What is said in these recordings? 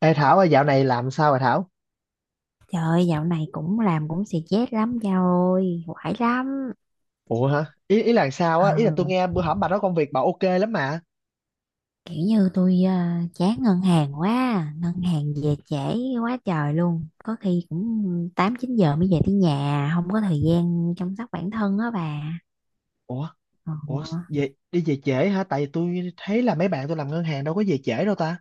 Ê Thảo ơi, dạo này làm sao vậy Thảo? Trời ơi, dạo này cũng làm cũng stress lắm cha ơi, quải lắm. Ủa hả? Ý ý là sao Ờ, á? Ý là tôi nghe bữa hổm bà nói công việc bà ok lắm mà. kiểu như tôi chán ngân hàng quá, ngân hàng về trễ quá trời luôn. Có khi cũng tám chín giờ mới về tới nhà, không có thời gian chăm sóc bản thân á bà. Ủa? Ờ, Ủa? Về, đi về trễ hả? Tại vì tôi thấy là mấy bạn tôi làm ngân hàng đâu có về trễ đâu ta.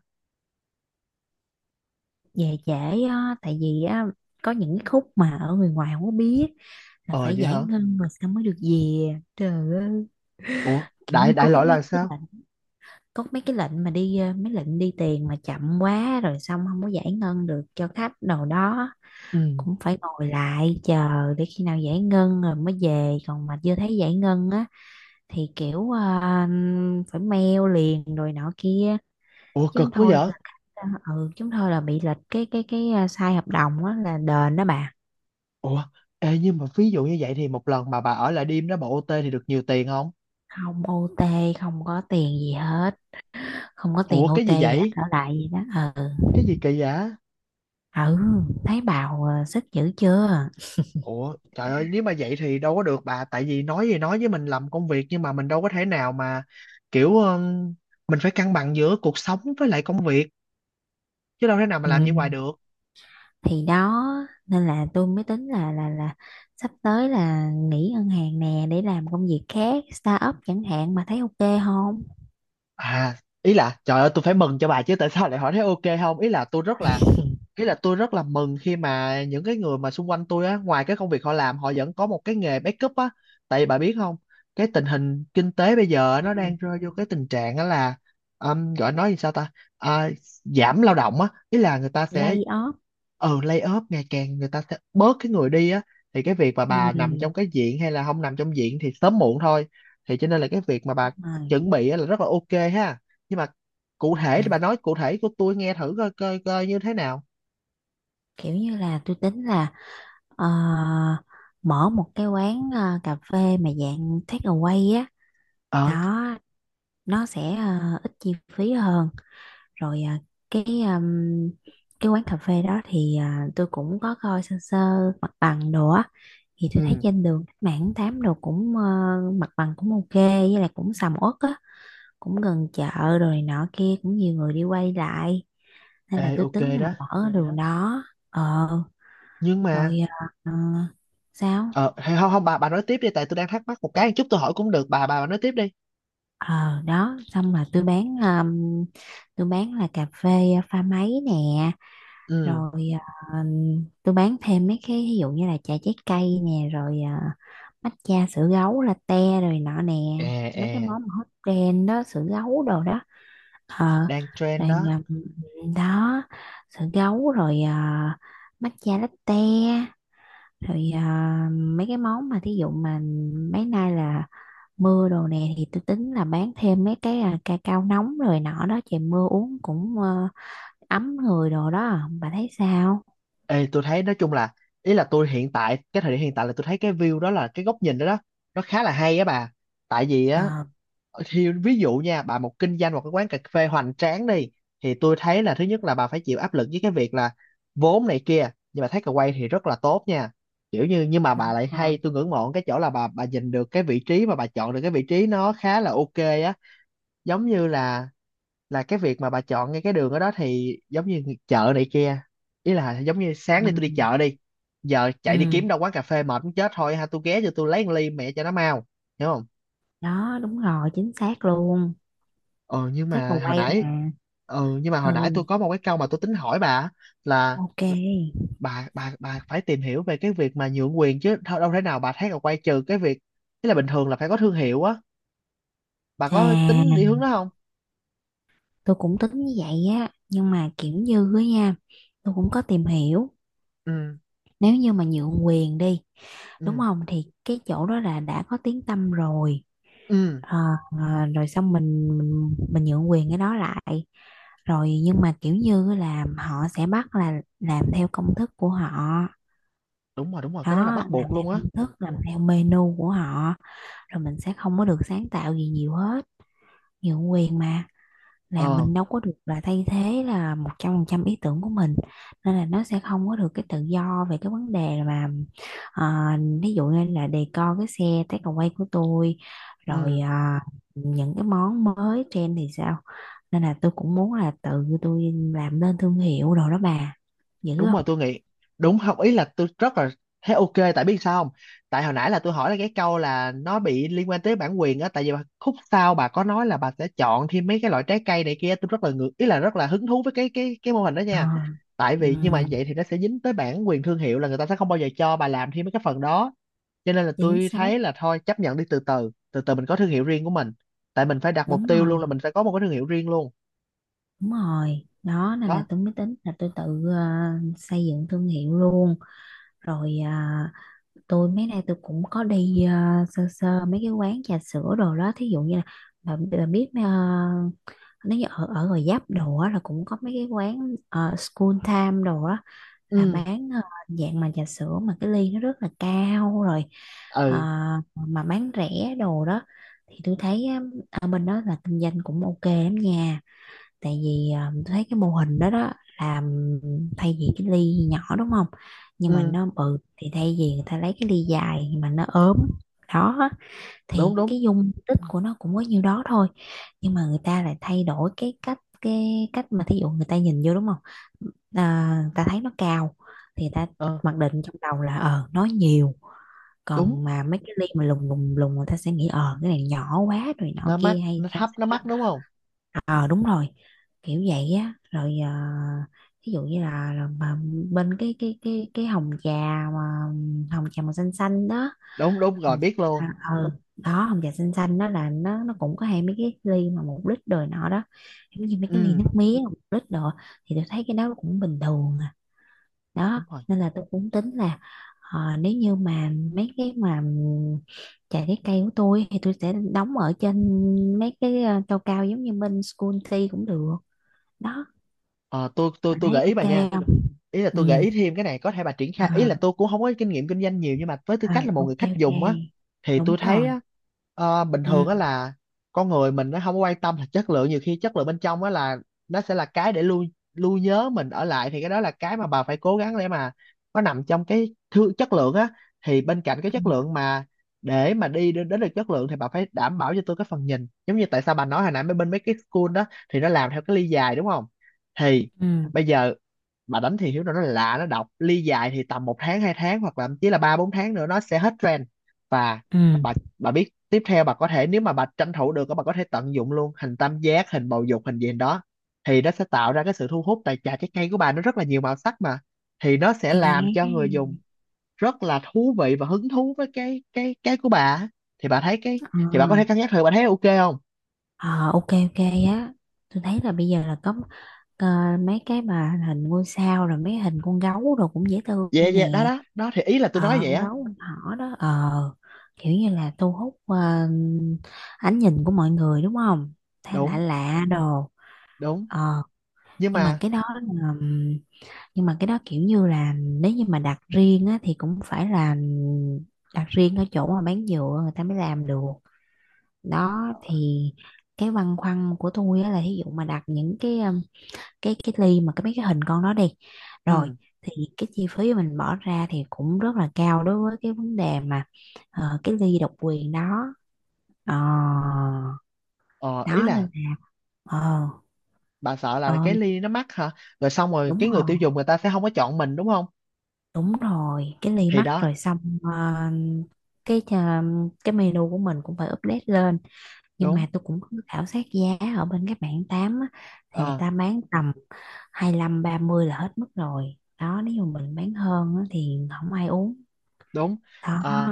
về trễ á, tại vì á, có những cái khúc mà ở người ngoài không có biết là Ờ phải vậy giải hả? ngân rồi sao mới được về. Trời ơi, Ủa? kiểu Đại như đại loại là sao? Có mấy cái lệnh mà đi mấy lệnh đi tiền mà chậm quá rồi xong không có giải ngân được cho khách đồ đó, Ừ. cũng phải ngồi lại chờ để khi nào giải ngân rồi mới về, còn mà chưa thấy giải ngân á thì kiểu phải mail liền rồi nọ kia, Ủa chứ cực không quá thôi vậy? là khách ờ, chứ không thôi là bị lệch cái sai hợp đồng á là đền đó bà. Ủa? Ê nhưng mà ví dụ như vậy thì một lần mà bà ở lại đêm đó bà OT thì được nhiều tiền không? Không OT, không có tiền gì hết, không có Ủa tiền cái gì OT gì hết vậy? ở lại gì đó. Ừ. Cái gì kỳ vậy? Ừ. Thấy bào sức dữ chưa. Ủa trời ơi nếu mà vậy thì đâu có được bà, tại vì nói gì nói với mình làm công việc nhưng mà mình đâu có thể nào mà kiểu mình phải cân bằng giữa cuộc sống với lại công việc, chứ đâu thể nào mà làm Ừ, vậy hoài được. thì đó, nên là tôi mới tính là sắp tới là nghỉ ngân hàng nè để làm công việc khác, start up chẳng hạn, mà thấy ok không. À, ý là trời ơi tôi phải mừng cho bà chứ, tại sao lại hỏi thấy ok không. Ý là tôi rất là, ý là tôi rất là mừng khi mà những cái người mà xung quanh tôi á, ngoài cái công việc họ làm họ vẫn có một cái nghề backup á. Tại vì bà biết không, cái tình hình kinh tế bây giờ nó Ừ. đang rơi vô cái tình trạng á là gọi nói gì sao ta. À, giảm lao động á, ý là người ta sẽ, Lay off. ừ lay off ngày càng người ta sẽ bớt cái người đi á, thì cái việc mà Ừ. bà nằm trong cái diện hay là không nằm trong diện thì sớm muộn thôi. Thì cho nên là cái việc mà bà Đúng rồi. chuẩn bị á là rất là ok ha. Nhưng mà cụ Ừ. thể thì bà nói cụ thể của tôi nghe thử coi coi coi như thế nào. Kiểu như là tôi tính là ờ, mở một cái quán cà phê mà dạng take away á. Ờ. Đó, nó sẽ ít chi phí hơn. Rồi cái um, cái quán cà phê đó thì tôi cũng có coi sơ sơ mặt bằng đồ á. Thì tôi thấy Ừ. trên đường Cách Mạng Tháng Tám đồ cũng mặt bằng cũng ok, với lại cũng sầm uất á, cũng gần chợ rồi này nọ kia, cũng nhiều người đi quay lại, nên Ê là tôi ok tính là đó. mở cái đường đó. Ờ. Nhưng Rồi. mà, ờ, Sao. ờ hay không không bà, bà nói tiếp đi tại tôi đang thắc mắc một cái chút, tôi hỏi cũng được bà nói tiếp đi. Ờ Đó, xong là tôi bán là cà phê pha máy nè. Ừ. Rồi à, tôi bán thêm mấy cái ví dụ như là trà trái cây nè, rồi matcha, sữa gấu, latte rồi nọ nè, À mấy cái à. món mà hot trend đó, sữa gấu đồ đó. Ờ. Đang trend Rồi đó. Đó, sữa gấu rồi matcha latte, rồi mấy cái món mà thí dụ mà mấy nay là mưa đồ nè, thì tôi tính là bán thêm mấy cái ca cao nóng rồi nọ đó, trời mưa uống cũng ấm người đồ đó. Bà thấy sao? Ê tôi thấy nói chung là, ý là tôi hiện tại cái thời điểm hiện tại là tôi thấy cái view đó, là cái góc nhìn đó đó nó khá là hay á bà. Tại vì á, ờ, thì ví dụ nha bà, một kinh doanh một cái quán cà phê hoành tráng đi thì tôi thấy là thứ nhất là bà phải chịu áp lực với cái việc là vốn này kia, nhưng mà thấy cà quay thì rất là tốt nha. Kiểu như nhưng mà bà Đúng lại rồi. hay, tôi ngưỡng mộ cái chỗ là bà nhìn được cái vị trí, mà bà chọn được cái vị trí nó khá là ok á. Giống như là cái việc mà bà chọn ngay cái đường ở đó thì giống như chợ này kia, ý là giống như sáng đi tôi đi Ừ. chợ đi, giờ chạy đi Ừ, kiếm đâu quán cà phê mệt muốn chết thôi, ha tôi ghé cho tôi lấy một ly mẹ cho nó mau, hiểu. đó đúng rồi, chính xác luôn. Ờ nhưng Xác mà mà hồi quay nãy, mà. ừ nhưng mà hồi nãy Ừ. tôi có một cái câu mà tôi tính hỏi bà á, là Ok. bà phải tìm hiểu về cái việc mà nhượng quyền chứ đâu, đâu thể nào bà thấy là quay trừ cái việc, tức là bình thường là phải có thương hiệu á, bà có tính đi À, hướng đó không. tôi cũng tính như vậy á, nhưng mà kiểu như á nha, tôi cũng có tìm hiểu. Ừ. Nếu như mà nhượng quyền đi, đúng Ừ. không, thì cái chỗ đó là đã có tiếng tăm rồi. Ừ. Ờ, rồi xong mình nhượng quyền cái đó lại, rồi nhưng mà kiểu như là họ sẽ bắt là làm theo công thức của họ. Đúng rồi, đúng rồi, cái đó là Đó, bắt buộc làm theo luôn á. công thức, làm theo menu của họ, rồi mình sẽ không có được sáng tạo gì nhiều hết. Nhượng quyền mà, là Ờ. mình đâu có được là thay thế là 100% ý tưởng của mình. Nên là nó sẽ không có được cái tự do về cái vấn đề mà ví dụ như là decor cái xe takeaway của tôi, rồi Ừ. Những cái món mới trend thì sao. Nên là tôi cũng muốn là tự tôi làm nên thương hiệu đồ đó bà, dữ Đúng rồi không. tôi nghĩ, đúng không, ý là tôi rất là thấy ok, tại biết sao không, tại hồi nãy là tôi hỏi là cái câu là nó bị liên quan tới bản quyền á, tại vì khúc sau bà có nói là bà sẽ chọn thêm mấy cái loại trái cây này kia, tôi rất là ngược, ý là rất là hứng thú với cái cái mô hình đó Ờ. nha. Tại Ừ, vì nhưng mà vậy thì nó sẽ dính tới bản quyền thương hiệu, là người ta sẽ không bao giờ cho bà làm thêm mấy cái phần đó, cho nên là chính tôi xác. thấy là thôi chấp nhận đi, từ từ mình có thương hiệu riêng của mình. Tại mình phải đặt Đúng mục tiêu luôn là rồi. mình phải có một cái thương hiệu riêng luôn. Đúng rồi, đó nên là Đó. tôi mới tính là tôi tự ờ, xây dựng thương hiệu luôn. Rồi tôi mấy nay tôi cũng có đi sơ sơ mấy cái quán trà sữa đồ đó, thí dụ như là bà biết nếu như ở ở Gò Vấp đồ á là cũng có mấy cái quán School Time đồ á, là Ừ. bán dạng mà trà sữa mà cái ly nó rất là cao rồi ờ, Ừ. mà bán rẻ đồ đó. Thì tôi thấy á, ở bên đó là kinh doanh cũng ok lắm nha, tại vì tôi thấy cái mô hình đó đó, làm thay vì cái ly nhỏ đúng không, nhưng mà Ừ. nó bự, thì thay vì người ta lấy cái ly dài nhưng mà nó ốm đó á, Đúng thì đúng. cái dung tích của nó cũng có nhiêu đó thôi, nhưng mà người ta lại thay đổi cái cách, mà thí dụ người ta nhìn vô, đúng không. À, người ta thấy nó cao thì người ta Ờ mặc định trong đầu là ờ nó nhiều, đúng, còn mà mấy cái ly mà lùng lùng lùng người ta sẽ nghĩ ờ cái này nhỏ quá rồi nhỏ nó mắc kia hay nó sao thấp nó sao. mắc đúng không. Ờ, đúng rồi, kiểu vậy á. Rồi ví dụ như là, mà bên cái hồng trà, mà hồng trà màu xanh xanh đó. Đúng, đúng rồi biết luôn. À. Ừ. Đó hồng trà xanh xanh đó là nó cũng có hai mấy cái ly mà 1 lít đời nọ đó, giống như mấy cái ly Ừ nước mía 1 lít đồ. Thì tôi thấy cái đó cũng bình thường à. Đó, đúng rồi. nên là tôi cũng tính là nếu như mà mấy cái mà trà trái cây của tôi thì tôi sẽ đóng ở trên mấy cái cao cao giống như bên School Tea cũng được. Đó, Ờ, bạn tôi thấy gợi ý bà nha. ok không. Ý là tôi gợi Ừ. ý thêm cái này có thể bà triển Ờ. khai, ý là tôi cũng không có kinh nghiệm kinh doanh nhiều, nhưng mà với tư Ờ cách là một người ok khách ok. dùng á, thì tôi Đúng thấy rồi. á, ờ, bình Ừ. thường á là con người mình nó không có quan tâm là chất lượng, nhiều khi chất lượng bên trong á là nó sẽ là cái để lưu, lưu nhớ mình ở lại, thì cái đó là cái mà bà phải cố gắng để mà nó nằm trong cái thứ chất lượng á. Thì bên cạnh cái chất Ừ. lượng, mà để mà đi đến, đến được chất lượng thì bà phải đảm bảo cho tôi cái phần nhìn, giống như tại sao bà nói hồi nãy mấy bên mấy cái school đó, thì nó làm theo cái ly dài đúng không, thì Ừ. bây giờ bà đánh thì hiếu nó lạ nó độc ly dài thì tầm 1 tháng 2 tháng hoặc là thậm chí là 3 4 tháng nữa nó sẽ hết trend. Và Ừ. bà, biết tiếp theo bà có thể, nếu mà bà tranh thủ được bà có thể tận dụng luôn hình tam giác, hình bầu dục, hình gì đó thì nó sẽ tạo ra cái sự thu hút, tại trà trái cây của bà nó rất là nhiều màu sắc mà, thì nó sẽ À. làm cho người dùng rất là thú vị và hứng thú với cái cái của bà. Thì bà thấy cái, Ờ. thì bà có thể cân nhắc thử, bà thấy ok không. ờ, ok ok. Á, tôi thấy là bây giờ là có ờ, mấy cái mà hình ngôi sao, rồi mấy hình con gấu rồi, cũng dễ thương Dạ dạ, đó nè. đó đó thì ý là tôi nói Ờ, vậy con á. gấu con thỏ đó. Ờ, kiểu như là thu hút ánh nhìn của mọi người, đúng không, thay lạ Đúng. lạ đồ. Đúng. Ờ. Nhưng nhưng mà mà, cái đó là nhưng mà cái đó kiểu như là nếu như mà đặt riêng á, thì cũng phải là đặt riêng ở chỗ mà bán dựa người ta mới làm được. Đó thì cái băn khoăn của tôi á, là ví dụ mà đặt những cái ly mà mấy cái hình con đó đi, rồi ừ, thì cái chi phí mình bỏ ra thì cũng rất là cao đối với cái vấn đề mà cái ly độc quyền đó. Ờ, ờ, ý đó là nên là. Ờ. bà sợ là ờ, cái ly nó mắc hả? Rồi xong rồi Đúng cái người rồi, tiêu dùng người ta sẽ không có chọn mình đúng không? đúng rồi, cái ly Thì mắc đó, rồi xong cái cái menu của mình cũng phải update lên. Nhưng đúng, mà tôi cũng có khảo sát giá ở bên các bạn tám á, thì người ờ, ta bán tầm 25 30 là hết mức rồi đó, nếu mà mình bán hơn á thì không ai uống. đúng. Đó. Ờ,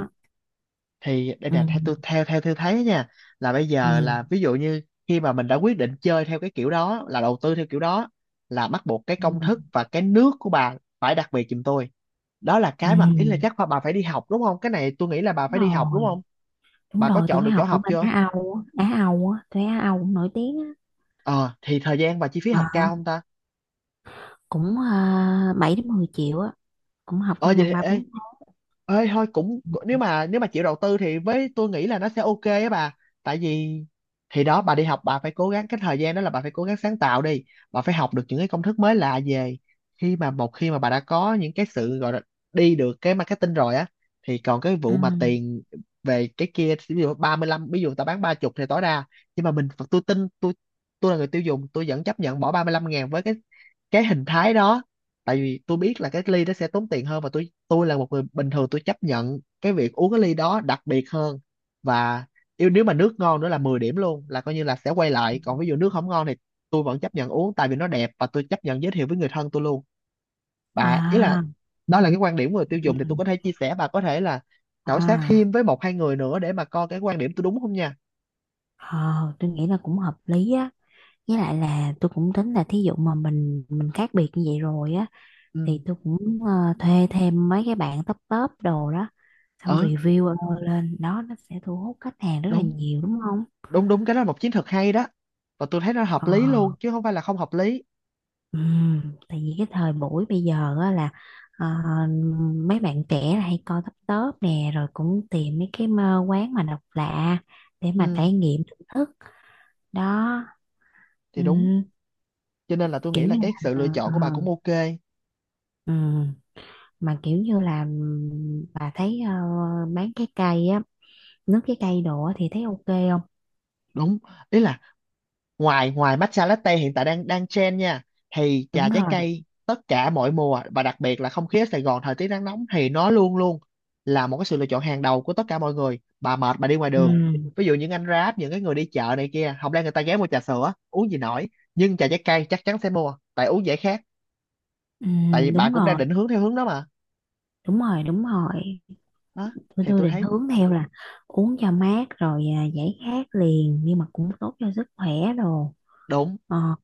thì đây Ừ. nè, theo tôi, theo theo tôi thấy nha, là bây Ừ. giờ là ví dụ như khi mà mình đã quyết định chơi theo cái kiểu đó, là đầu tư theo kiểu đó, là bắt buộc cái Ừ. công thức và cái nước của bà phải đặc biệt giùm tôi. Đó là Ừ. cái mà ý là chắc bà phải đi học đúng không? Cái này tôi nghĩ là bà Đúng phải đi học đúng rồi, không? đúng Bà có rồi, chọn tôi được chỗ học ở học bên chưa? Á Âu á. Á Âu á, tôi Á Âu cũng nổi tiếng á. Ờ, thì thời gian và chi phí học Ờ, cao không ta? cũng 7 đến 10 triệu á, cũng học Ờ trong vậy vòng thì ba ê, bốn tháng ê thôi cũng, Ừ. Nếu mà chịu đầu tư thì với tôi nghĩ là nó sẽ ok á bà. Tại vì thì đó, bà đi học bà phải cố gắng, cái thời gian đó là bà phải cố gắng sáng tạo đi, bà phải học được những cái công thức mới lạ về. Khi mà một khi mà bà đã có những cái sự gọi là đi được cái marketing rồi á, thì còn cái Ừ. vụ mà tiền về cái kia, ví dụ 35, ví dụ ta bán ba chục thì tối đa, nhưng mà mình, tôi tin tôi là người tiêu dùng tôi vẫn chấp nhận bỏ 35 ngàn với cái hình thái đó, tại vì tôi biết là cái ly đó sẽ tốn tiền hơn, và tôi là một người bình thường tôi chấp nhận cái việc uống cái ly đó đặc biệt hơn. Và yêu, nếu mà nước ngon nữa là 10 điểm luôn, là coi như là sẽ quay lại, còn ví dụ nước không ngon thì tôi vẫn chấp nhận uống tại vì nó đẹp, và tôi chấp nhận giới thiệu với người thân tôi luôn. Và ý là, À. đó là cái quan điểm của người tiêu dùng, thì tôi Ừ. có thể chia sẻ, bà có thể là khảo sát À. thêm với 1 2 người nữa để mà coi cái quan điểm tôi đúng không nha. Ờ, tôi nghĩ là cũng hợp lý á. Với lại là tôi cũng tính là thí dụ mà mình khác biệt như vậy rồi á, Ừ. thì tôi cũng thuê thêm mấy cái bạn top top đồ đó, xong Ờ, review lên đó, nó sẽ thu hút khách hàng rất là đúng nhiều, đúng không? đúng đúng, cái đó là một chiến thuật hay đó, và tôi thấy nó hợp Ờ, lý luôn chứ không phải là không hợp lý. Tại vì cái thời buổi bây giờ á là ờ, mấy bạn trẻ là hay coi top top nè, rồi cũng tìm mấy cái quán mà độc lạ để mà Ừ trải nghiệm thưởng thức. Đó. thì đúng, ừm, cho nên là tôi Kiểu nghĩ là như là cái sự lựa chọn của bà cũng ok. ừ. Mà kiểu như là bà thấy bán trái cây á, nước trái cây đồ á thì thấy ok không. Đúng. Ý là ngoài, ngoài matcha latte hiện tại đang đang trend nha, thì trà Đúng trái rồi. cây tất cả mọi mùa và đặc biệt là không khí ở Sài Gòn thời tiết nắng nóng thì nó luôn luôn là một cái sự lựa chọn hàng đầu của tất cả mọi người. Bà mệt bà đi ngoài đường, Ừ. ví dụ những anh Grab, những cái người đi chợ này kia, không lẽ người ta ghé mua trà sữa uống gì nổi, nhưng trà trái cây chắc chắn sẽ mua tại uống dễ khát. Ừ, Tại vì bà đúng cũng đang rồi, định hướng theo hướng đó mà. đúng rồi. Đúng rồi, Đó thì tôi tôi định thấy hướng theo là uống cho mát, rồi giải khát liền nhưng mà cũng tốt cho sức khỏe đồ. đúng. Ờ,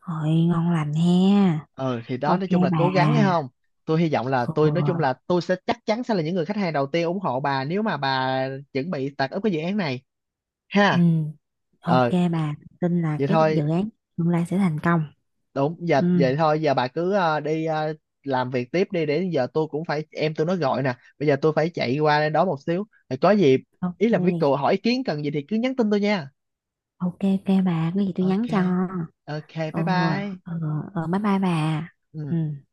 hội ngon lành ha. Ờ thì đó Ok nói chung là bà. cố gắng nhé không. Tôi hy vọng là, tôi nói chung là Ừ. tôi sẽ, chắc chắn sẽ là những người khách hàng đầu tiên ủng hộ bà nếu mà bà chuẩn bị tạt úp cái dự án này, Ừ, ha. ok Ờ bà, tin là vậy cái thôi. dự án tương lai sẽ thành công. Đúng giờ Ừ. vậy thôi, giờ bà cứ đi làm việc tiếp đi, để giờ tôi cũng phải, em tôi nó gọi nè, bây giờ tôi phải chạy qua đây đó một xíu rồi có gì, ý là với Ok cô hỏi ý kiến cần gì thì cứ nhắn tin tôi nha. ok. Ok bà, có gì tôi nhắn cho. Ok ok, bye Ồ. bye. Ờ. Ờ, bye bye bà. Ừ. Ừ.